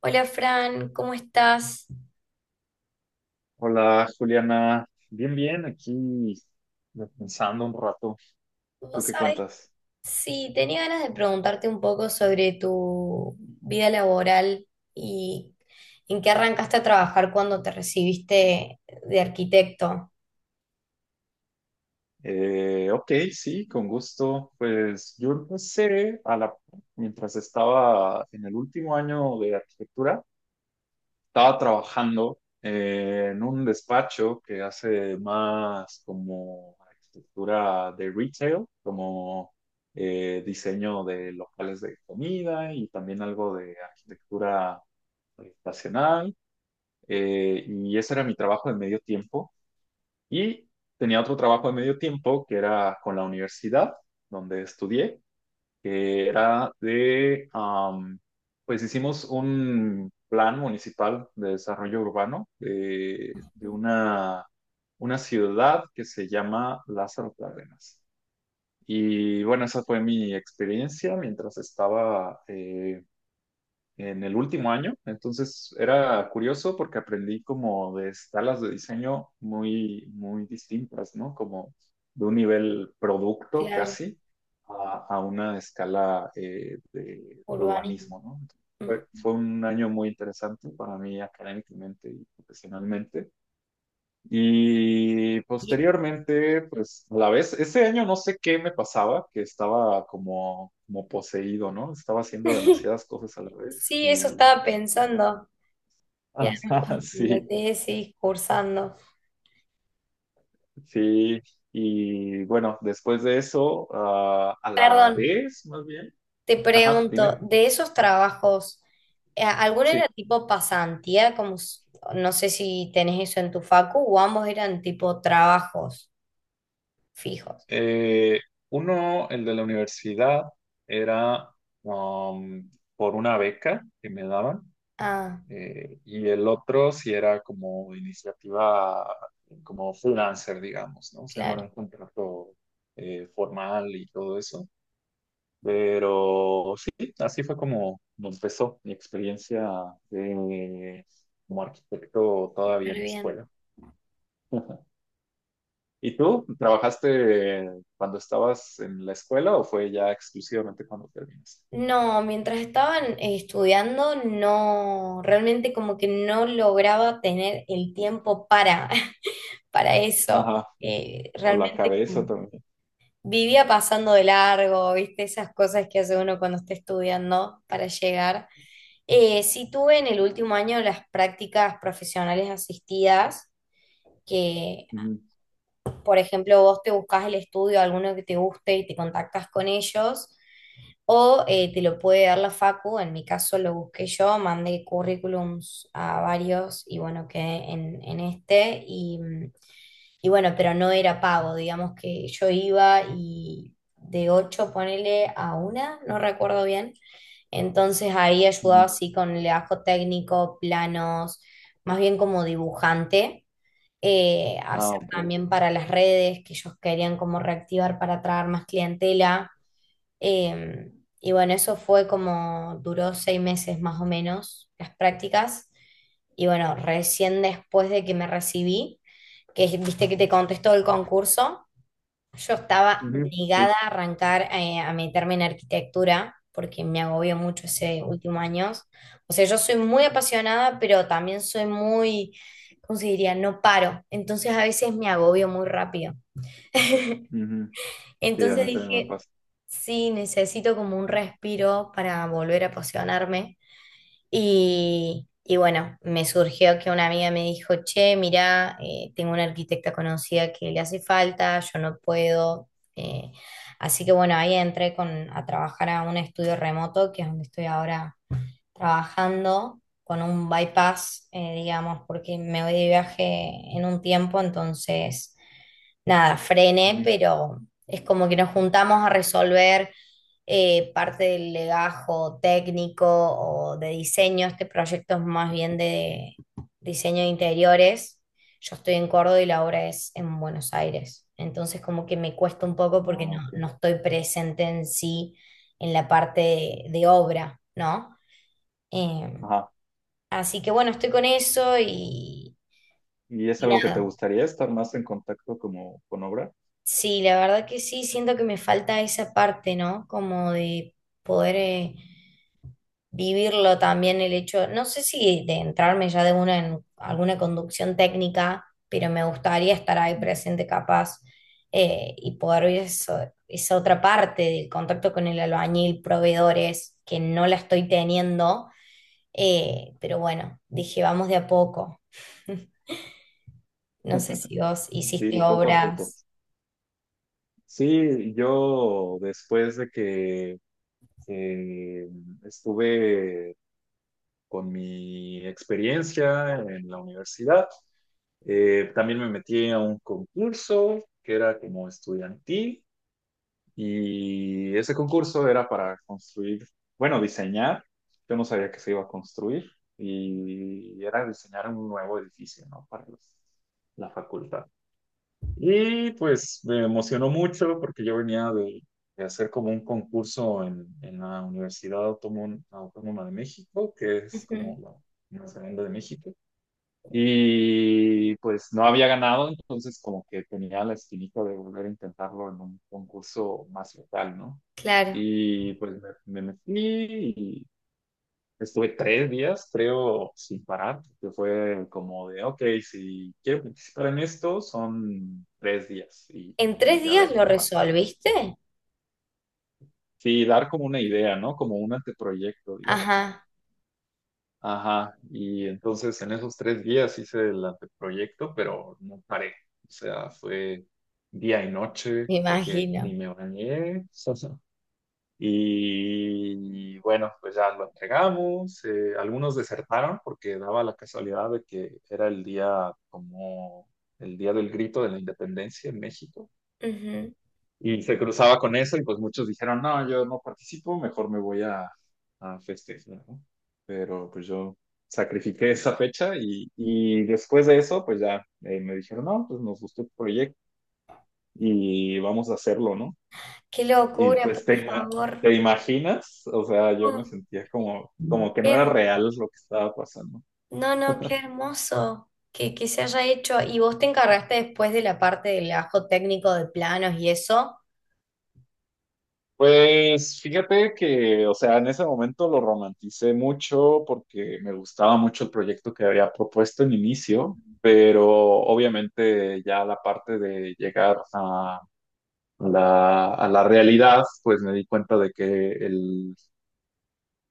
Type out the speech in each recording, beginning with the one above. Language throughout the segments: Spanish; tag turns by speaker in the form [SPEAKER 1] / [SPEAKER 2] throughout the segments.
[SPEAKER 1] Hola Fran, ¿cómo estás?
[SPEAKER 2] Hola, Juliana. Bien, bien, aquí pensando un rato. ¿Tú
[SPEAKER 1] Vos
[SPEAKER 2] qué
[SPEAKER 1] sabés,
[SPEAKER 2] cuentas?
[SPEAKER 1] sí, tenía ganas de preguntarte un poco sobre tu vida laboral y en qué arrancaste a trabajar cuando te recibiste de arquitecto.
[SPEAKER 2] Ok, sí, con gusto. Pues yo empecé a la, mientras estaba en el último año de arquitectura, estaba trabajando en un despacho que hace más como arquitectura de retail, como diseño de locales de comida y también algo de arquitectura habitacional, y ese era mi trabajo de medio tiempo. Y tenía otro trabajo de medio tiempo que era con la universidad donde estudié, que era de, pues hicimos un plan municipal de desarrollo urbano de una ciudad que se llama Lázaro Cárdenas. Y bueno, esa fue mi experiencia mientras estaba en el último año. Entonces era curioso porque aprendí como de escalas de diseño muy, muy distintas, ¿no? Como de un nivel producto
[SPEAKER 1] Claro,
[SPEAKER 2] casi a una escala de de
[SPEAKER 1] urbanismo.
[SPEAKER 2] urbanismo, ¿no?
[SPEAKER 1] Mm.
[SPEAKER 2] Fue un año muy interesante para mí académicamente y profesionalmente. Y
[SPEAKER 1] Y-
[SPEAKER 2] posteriormente, pues a la vez, ese año no sé qué me pasaba, que estaba como, como poseído, ¿no? Estaba haciendo demasiadas cosas a la vez
[SPEAKER 1] Sí, eso
[SPEAKER 2] y...
[SPEAKER 1] estaba pensando. Y además
[SPEAKER 2] Ajá,
[SPEAKER 1] con la
[SPEAKER 2] sí,
[SPEAKER 1] tesis, cursando.
[SPEAKER 2] sí. Y bueno, después de eso, ah, a la
[SPEAKER 1] Perdón,
[SPEAKER 2] vez, más bien.
[SPEAKER 1] te
[SPEAKER 2] Ajá,
[SPEAKER 1] pregunto,
[SPEAKER 2] dime.
[SPEAKER 1] de esos trabajos, ¿alguno
[SPEAKER 2] Sí.
[SPEAKER 1] era tipo pasantía? No sé si tenés eso en tu facu, o ambos eran tipo trabajos fijos.
[SPEAKER 2] Eh, uno, el de la universidad, era um, por una beca que me daban.
[SPEAKER 1] Ah,
[SPEAKER 2] Y el otro sí era como iniciativa, como freelancer, digamos, ¿no? O sea, no era
[SPEAKER 1] claro,
[SPEAKER 2] un contrato formal y todo eso. Pero sí, así fue como empezó mi experiencia de, como arquitecto
[SPEAKER 1] súper
[SPEAKER 2] todavía en la
[SPEAKER 1] bien.
[SPEAKER 2] escuela. ¿Y tú? ¿Trabajaste cuando estabas en la escuela o fue ya exclusivamente cuando terminaste?
[SPEAKER 1] No, mientras estaban estudiando, no, realmente como que no lograba tener el tiempo para, para eso.
[SPEAKER 2] Ajá, o la
[SPEAKER 1] Realmente
[SPEAKER 2] cabeza
[SPEAKER 1] como
[SPEAKER 2] también. Ujú,
[SPEAKER 1] vivía pasando de largo, viste, esas cosas que hace uno cuando está estudiando para llegar. Sí tuve en el último año las prácticas profesionales asistidas, que
[SPEAKER 2] ujú,
[SPEAKER 1] por ejemplo vos te buscas el estudio, alguno que te guste y te contactas con ellos, o te lo puede dar la facu. En mi caso lo busqué yo, mandé currículums a varios y bueno, quedé en este y y bueno, pero no era pago. Digamos que yo iba y de 8 ponele a una, no recuerdo bien. Entonces ahí ayudaba
[SPEAKER 2] ujú.
[SPEAKER 1] así con el ajo técnico, planos, más bien como dibujante.
[SPEAKER 2] Ah,
[SPEAKER 1] Hacer
[SPEAKER 2] ok.
[SPEAKER 1] también para las redes que ellos querían como reactivar para atraer más clientela. Eh, y bueno, eso fue como, duró 6 meses más o menos las prácticas. Y bueno, recién después de que me recibí, que viste que te contestó el concurso, yo estaba
[SPEAKER 2] Ujú, sí.
[SPEAKER 1] negada a arrancar a meterme en arquitectura porque me agobió mucho ese
[SPEAKER 2] ¿No?
[SPEAKER 1] último año. O sea, yo soy muy apasionada, pero también soy muy, ¿cómo se diría? No paro. Entonces a veces me agobio muy rápido.
[SPEAKER 2] Ujú. Sí, a
[SPEAKER 1] Entonces
[SPEAKER 2] mí también me
[SPEAKER 1] dije,
[SPEAKER 2] pasa.
[SPEAKER 1] sí, necesito como un respiro para volver a apasionarme. Y bueno, me surgió que una amiga me dijo, che, mirá, tengo una arquitecta conocida que le hace falta, yo no puedo. eh, Así que bueno, ahí entré con, a trabajar a un estudio remoto, que es donde estoy ahora trabajando, con un bypass, digamos, porque me voy de viaje en un tiempo, entonces nada, frené,
[SPEAKER 2] Ujú.
[SPEAKER 1] pero es como que nos juntamos a resolver parte del legajo técnico o de diseño. Este proyecto es más bien de diseño de interiores. Yo estoy en Córdoba y la obra es en Buenos Aires. Entonces como que me cuesta un poco porque
[SPEAKER 2] Ah, ok.
[SPEAKER 1] no estoy presente en sí en la parte de obra, ¿no? Eh,
[SPEAKER 2] Ajá.
[SPEAKER 1] Así que bueno, estoy con eso
[SPEAKER 2] ¿Y es
[SPEAKER 1] y
[SPEAKER 2] algo que te
[SPEAKER 1] nada.
[SPEAKER 2] gustaría estar más en contacto como con obra?
[SPEAKER 1] Sí, la verdad que sí, siento que me falta esa parte, ¿no? Como de poder vivirlo también el hecho, no sé si de entrarme ya de una en alguna conducción técnica, pero me gustaría estar ahí
[SPEAKER 2] Ujú.
[SPEAKER 1] presente capaz, y poder ver eso, esa otra parte del contacto con el albañil, proveedores, que no la estoy teniendo. Pero bueno, dije, vamos de a poco. No sé si vos hiciste
[SPEAKER 2] Sí, poco a poco.
[SPEAKER 1] obras.
[SPEAKER 2] Sí, yo después de que eh, estuve con mi experiencia en la universidad, también me metí a un concurso que era como estudiantil. Y ese concurso era para construir, bueno, diseñar. Yo no sabía que se iba a construir y era diseñar un nuevo edificio, ¿no? Para la facultad. Y pues me emocionó mucho porque yo venía de hacer como un concurso en la Universidad Autónoma, Autónoma de México, que es como
[SPEAKER 1] Ujú.
[SPEAKER 2] la Universidad de México. Y pues no había ganado, entonces como que tenía la espinita de volver a intentarlo en un concurso más local, ¿no?
[SPEAKER 1] Claro.
[SPEAKER 2] Y pues me metí y estuve 3 días, creo, sin parar, que fue como de, ok, si quiero participar en esto, son 3 días y,
[SPEAKER 1] ¿En tres
[SPEAKER 2] y a
[SPEAKER 1] días
[SPEAKER 2] ver
[SPEAKER 1] lo
[SPEAKER 2] qué pasa, ¿no?
[SPEAKER 1] resolviste?
[SPEAKER 2] Sí, dar como una idea, ¿no? Como un anteproyecto, digamos.
[SPEAKER 1] Ajá,
[SPEAKER 2] Ajá, y entonces en esos 3 días hice el anteproyecto, pero no paré. O sea, fue día y noche,
[SPEAKER 1] me
[SPEAKER 2] creo que ni
[SPEAKER 1] imagino.
[SPEAKER 2] me bañé. Y bueno, pues ya lo entregamos. Algunos desertaron porque daba la casualidad de que era el día como el día del grito de la independencia en México.
[SPEAKER 1] Ujú.
[SPEAKER 2] Y se cruzaba con eso y pues muchos dijeron, no, yo no participo, mejor me voy a festejar, ¿no? Pero pues yo sacrifiqué esa fecha y después de eso, pues ya, me dijeron, no, pues nos gustó el proyecto y vamos a hacerlo, ¿no?
[SPEAKER 1] Qué
[SPEAKER 2] Y
[SPEAKER 1] locura, por
[SPEAKER 2] pues
[SPEAKER 1] favor.
[SPEAKER 2] te imaginas, o sea, yo me
[SPEAKER 1] No,
[SPEAKER 2] sentía como, como que
[SPEAKER 1] qué
[SPEAKER 2] no era
[SPEAKER 1] herm-
[SPEAKER 2] real lo que estaba pasando.
[SPEAKER 1] no, no, qué hermoso que se haya hecho. ¿Y vos te encargaste después de la parte del ajo técnico de planos y eso?
[SPEAKER 2] Pues fíjate que, o sea, en ese momento lo romanticé mucho porque me gustaba mucho el proyecto que había propuesto en
[SPEAKER 1] Ujú.
[SPEAKER 2] inicio, pero obviamente ya la parte de llegar a la realidad, pues me di cuenta de que el,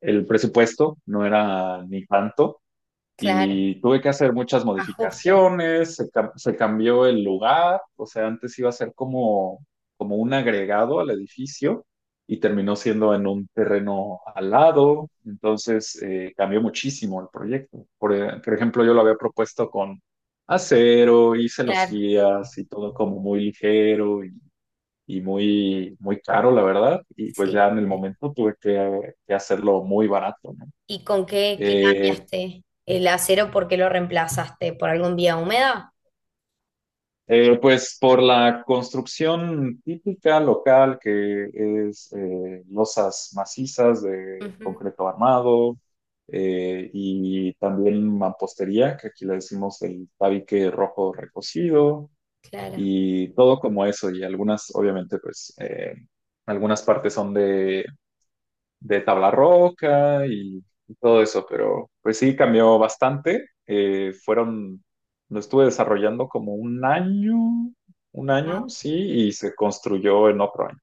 [SPEAKER 2] el presupuesto no era ni tanto
[SPEAKER 1] Claro,
[SPEAKER 2] y tuve que hacer muchas
[SPEAKER 1] ajustes,
[SPEAKER 2] modificaciones, se cambió el lugar, o sea, antes iba a ser como, como un agregado al edificio y terminó siendo en un terreno al lado, entonces cambió muchísimo el proyecto. Por ejemplo, yo lo había propuesto con acero, hice los
[SPEAKER 1] claro,
[SPEAKER 2] guías y todo como muy ligero y muy, muy caro, la verdad, y pues
[SPEAKER 1] sí.
[SPEAKER 2] ya en el momento tuve que hacerlo muy barato, ¿no?
[SPEAKER 1] ¿Y con qué, qué
[SPEAKER 2] Eh,
[SPEAKER 1] cambiaste el acero? ¿Por qué lo reemplazaste? ¿Por algún vía húmeda?
[SPEAKER 2] Pues por la construcción típica local que es losas macizas de
[SPEAKER 1] Ujú.
[SPEAKER 2] concreto armado, y también mampostería, que aquí le decimos el tabique rojo recocido
[SPEAKER 1] Claro.
[SPEAKER 2] y todo como eso y algunas obviamente pues, algunas partes son de tabla roca y todo eso, pero pues sí cambió bastante. Lo estuve desarrollando como un año, sí, y se construyó en otro año.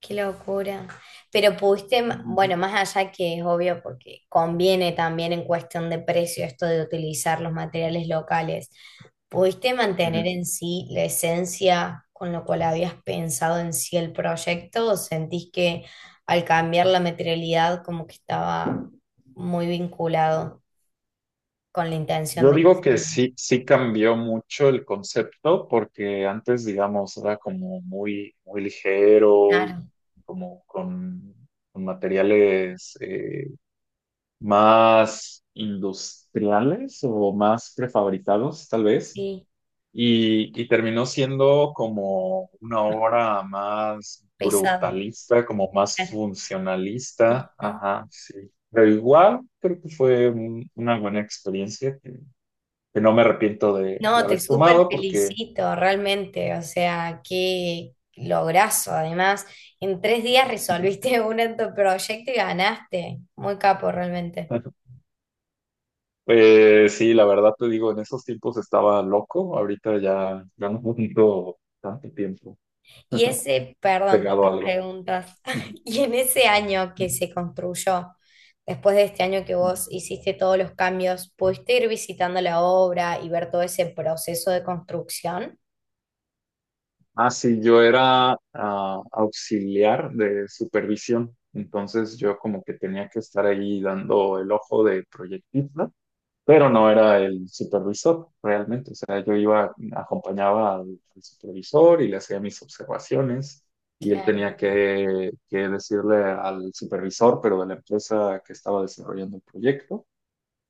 [SPEAKER 1] Qué locura.
[SPEAKER 2] Ujú,
[SPEAKER 1] Bueno, más allá que es obvio porque conviene también en cuestión de precio esto de utilizar los materiales locales, ¿pudiste mantener
[SPEAKER 2] ujú.
[SPEAKER 1] en sí la esencia con lo cual habías pensado en sí el proyecto o sentís que al cambiar la materialidad como que estaba muy vinculado con la intención
[SPEAKER 2] Yo
[SPEAKER 1] de
[SPEAKER 2] digo que
[SPEAKER 1] diseño?
[SPEAKER 2] sí, sí cambió mucho el concepto porque antes, digamos, era como muy, muy ligero y
[SPEAKER 1] Claro,
[SPEAKER 2] como con materiales más industriales o más prefabricados, tal vez.
[SPEAKER 1] sí,
[SPEAKER 2] Y terminó siendo como una obra más
[SPEAKER 1] pesada,
[SPEAKER 2] brutalista, como más
[SPEAKER 1] claro.
[SPEAKER 2] funcionalista.
[SPEAKER 1] Ujú.
[SPEAKER 2] Ajá, sí. Pero igual creo que fue una buena experiencia que no me arrepiento de
[SPEAKER 1] No, te
[SPEAKER 2] haber
[SPEAKER 1] súper
[SPEAKER 2] tomado porque,
[SPEAKER 1] felicito, realmente. O sea, qué lograzo. Además, en 3 días resolviste un en tu proyecto y ganaste. Muy capo, realmente.
[SPEAKER 2] pues sí, la verdad te digo, en esos tiempos estaba loco. Ahorita ya, ya no tengo tanto tiempo
[SPEAKER 1] Y ese, perdón,
[SPEAKER 2] pegado a
[SPEAKER 1] tantas
[SPEAKER 2] algo.
[SPEAKER 1] preguntas. Y en ese año que se construyó, después de este año que vos hiciste todos los cambios, ¿pudiste ir visitando la obra y ver todo ese proceso de construcción?
[SPEAKER 2] Ah, sí, yo era ah, auxiliar de supervisión, entonces yo como que tenía que estar ahí dando el ojo de proyectista, pero no era el supervisor realmente, o sea, yo iba, acompañaba al supervisor y le hacía mis observaciones y él
[SPEAKER 1] Claro.
[SPEAKER 2] tenía que decirle al supervisor, pero de la empresa que estaba desarrollando el proyecto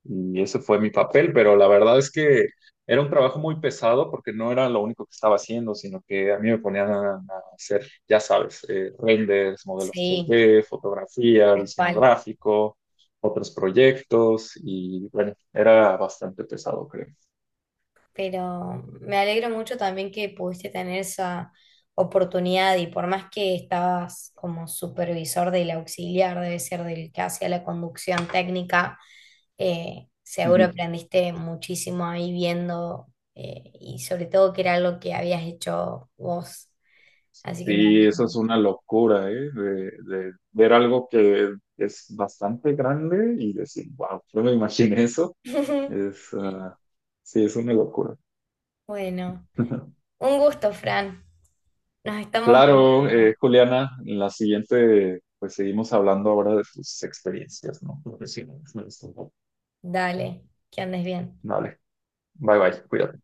[SPEAKER 2] y ese fue mi papel, pero la verdad es que era un trabajo muy pesado porque no era lo único que estaba haciendo, sino que a mí me ponían a hacer, ya sabes, renders, modelos tres
[SPEAKER 1] Sí,
[SPEAKER 2] d fotografía,
[SPEAKER 1] tal
[SPEAKER 2] diseño
[SPEAKER 1] cual.
[SPEAKER 2] gráfico, otros proyectos y bueno, era bastante pesado, creo.
[SPEAKER 1] Pero me alegro mucho también que pudiste tener esa oportunidad y por más que estabas como supervisor del auxiliar, debe ser del que hacía la conducción técnica, seguro
[SPEAKER 2] Ujú.
[SPEAKER 1] aprendiste muchísimo ahí viendo, y sobre todo que era algo que habías hecho vos, así que me
[SPEAKER 2] Sí, eso
[SPEAKER 1] alegro.
[SPEAKER 2] es una locura, ¿eh? De ver algo que es bastante grande y decir, wow, yo me imaginé eso. Es, ah, sí, es una locura.
[SPEAKER 1] Bueno, un gusto, Fran. Nos estamos
[SPEAKER 2] Claro,
[SPEAKER 1] hablando.
[SPEAKER 2] Juliana, en la siguiente, pues seguimos hablando ahora de tus experiencias, ¿no? Profesionales.
[SPEAKER 1] Dale, que andes bien.
[SPEAKER 2] Vale, bye bye, cuídate.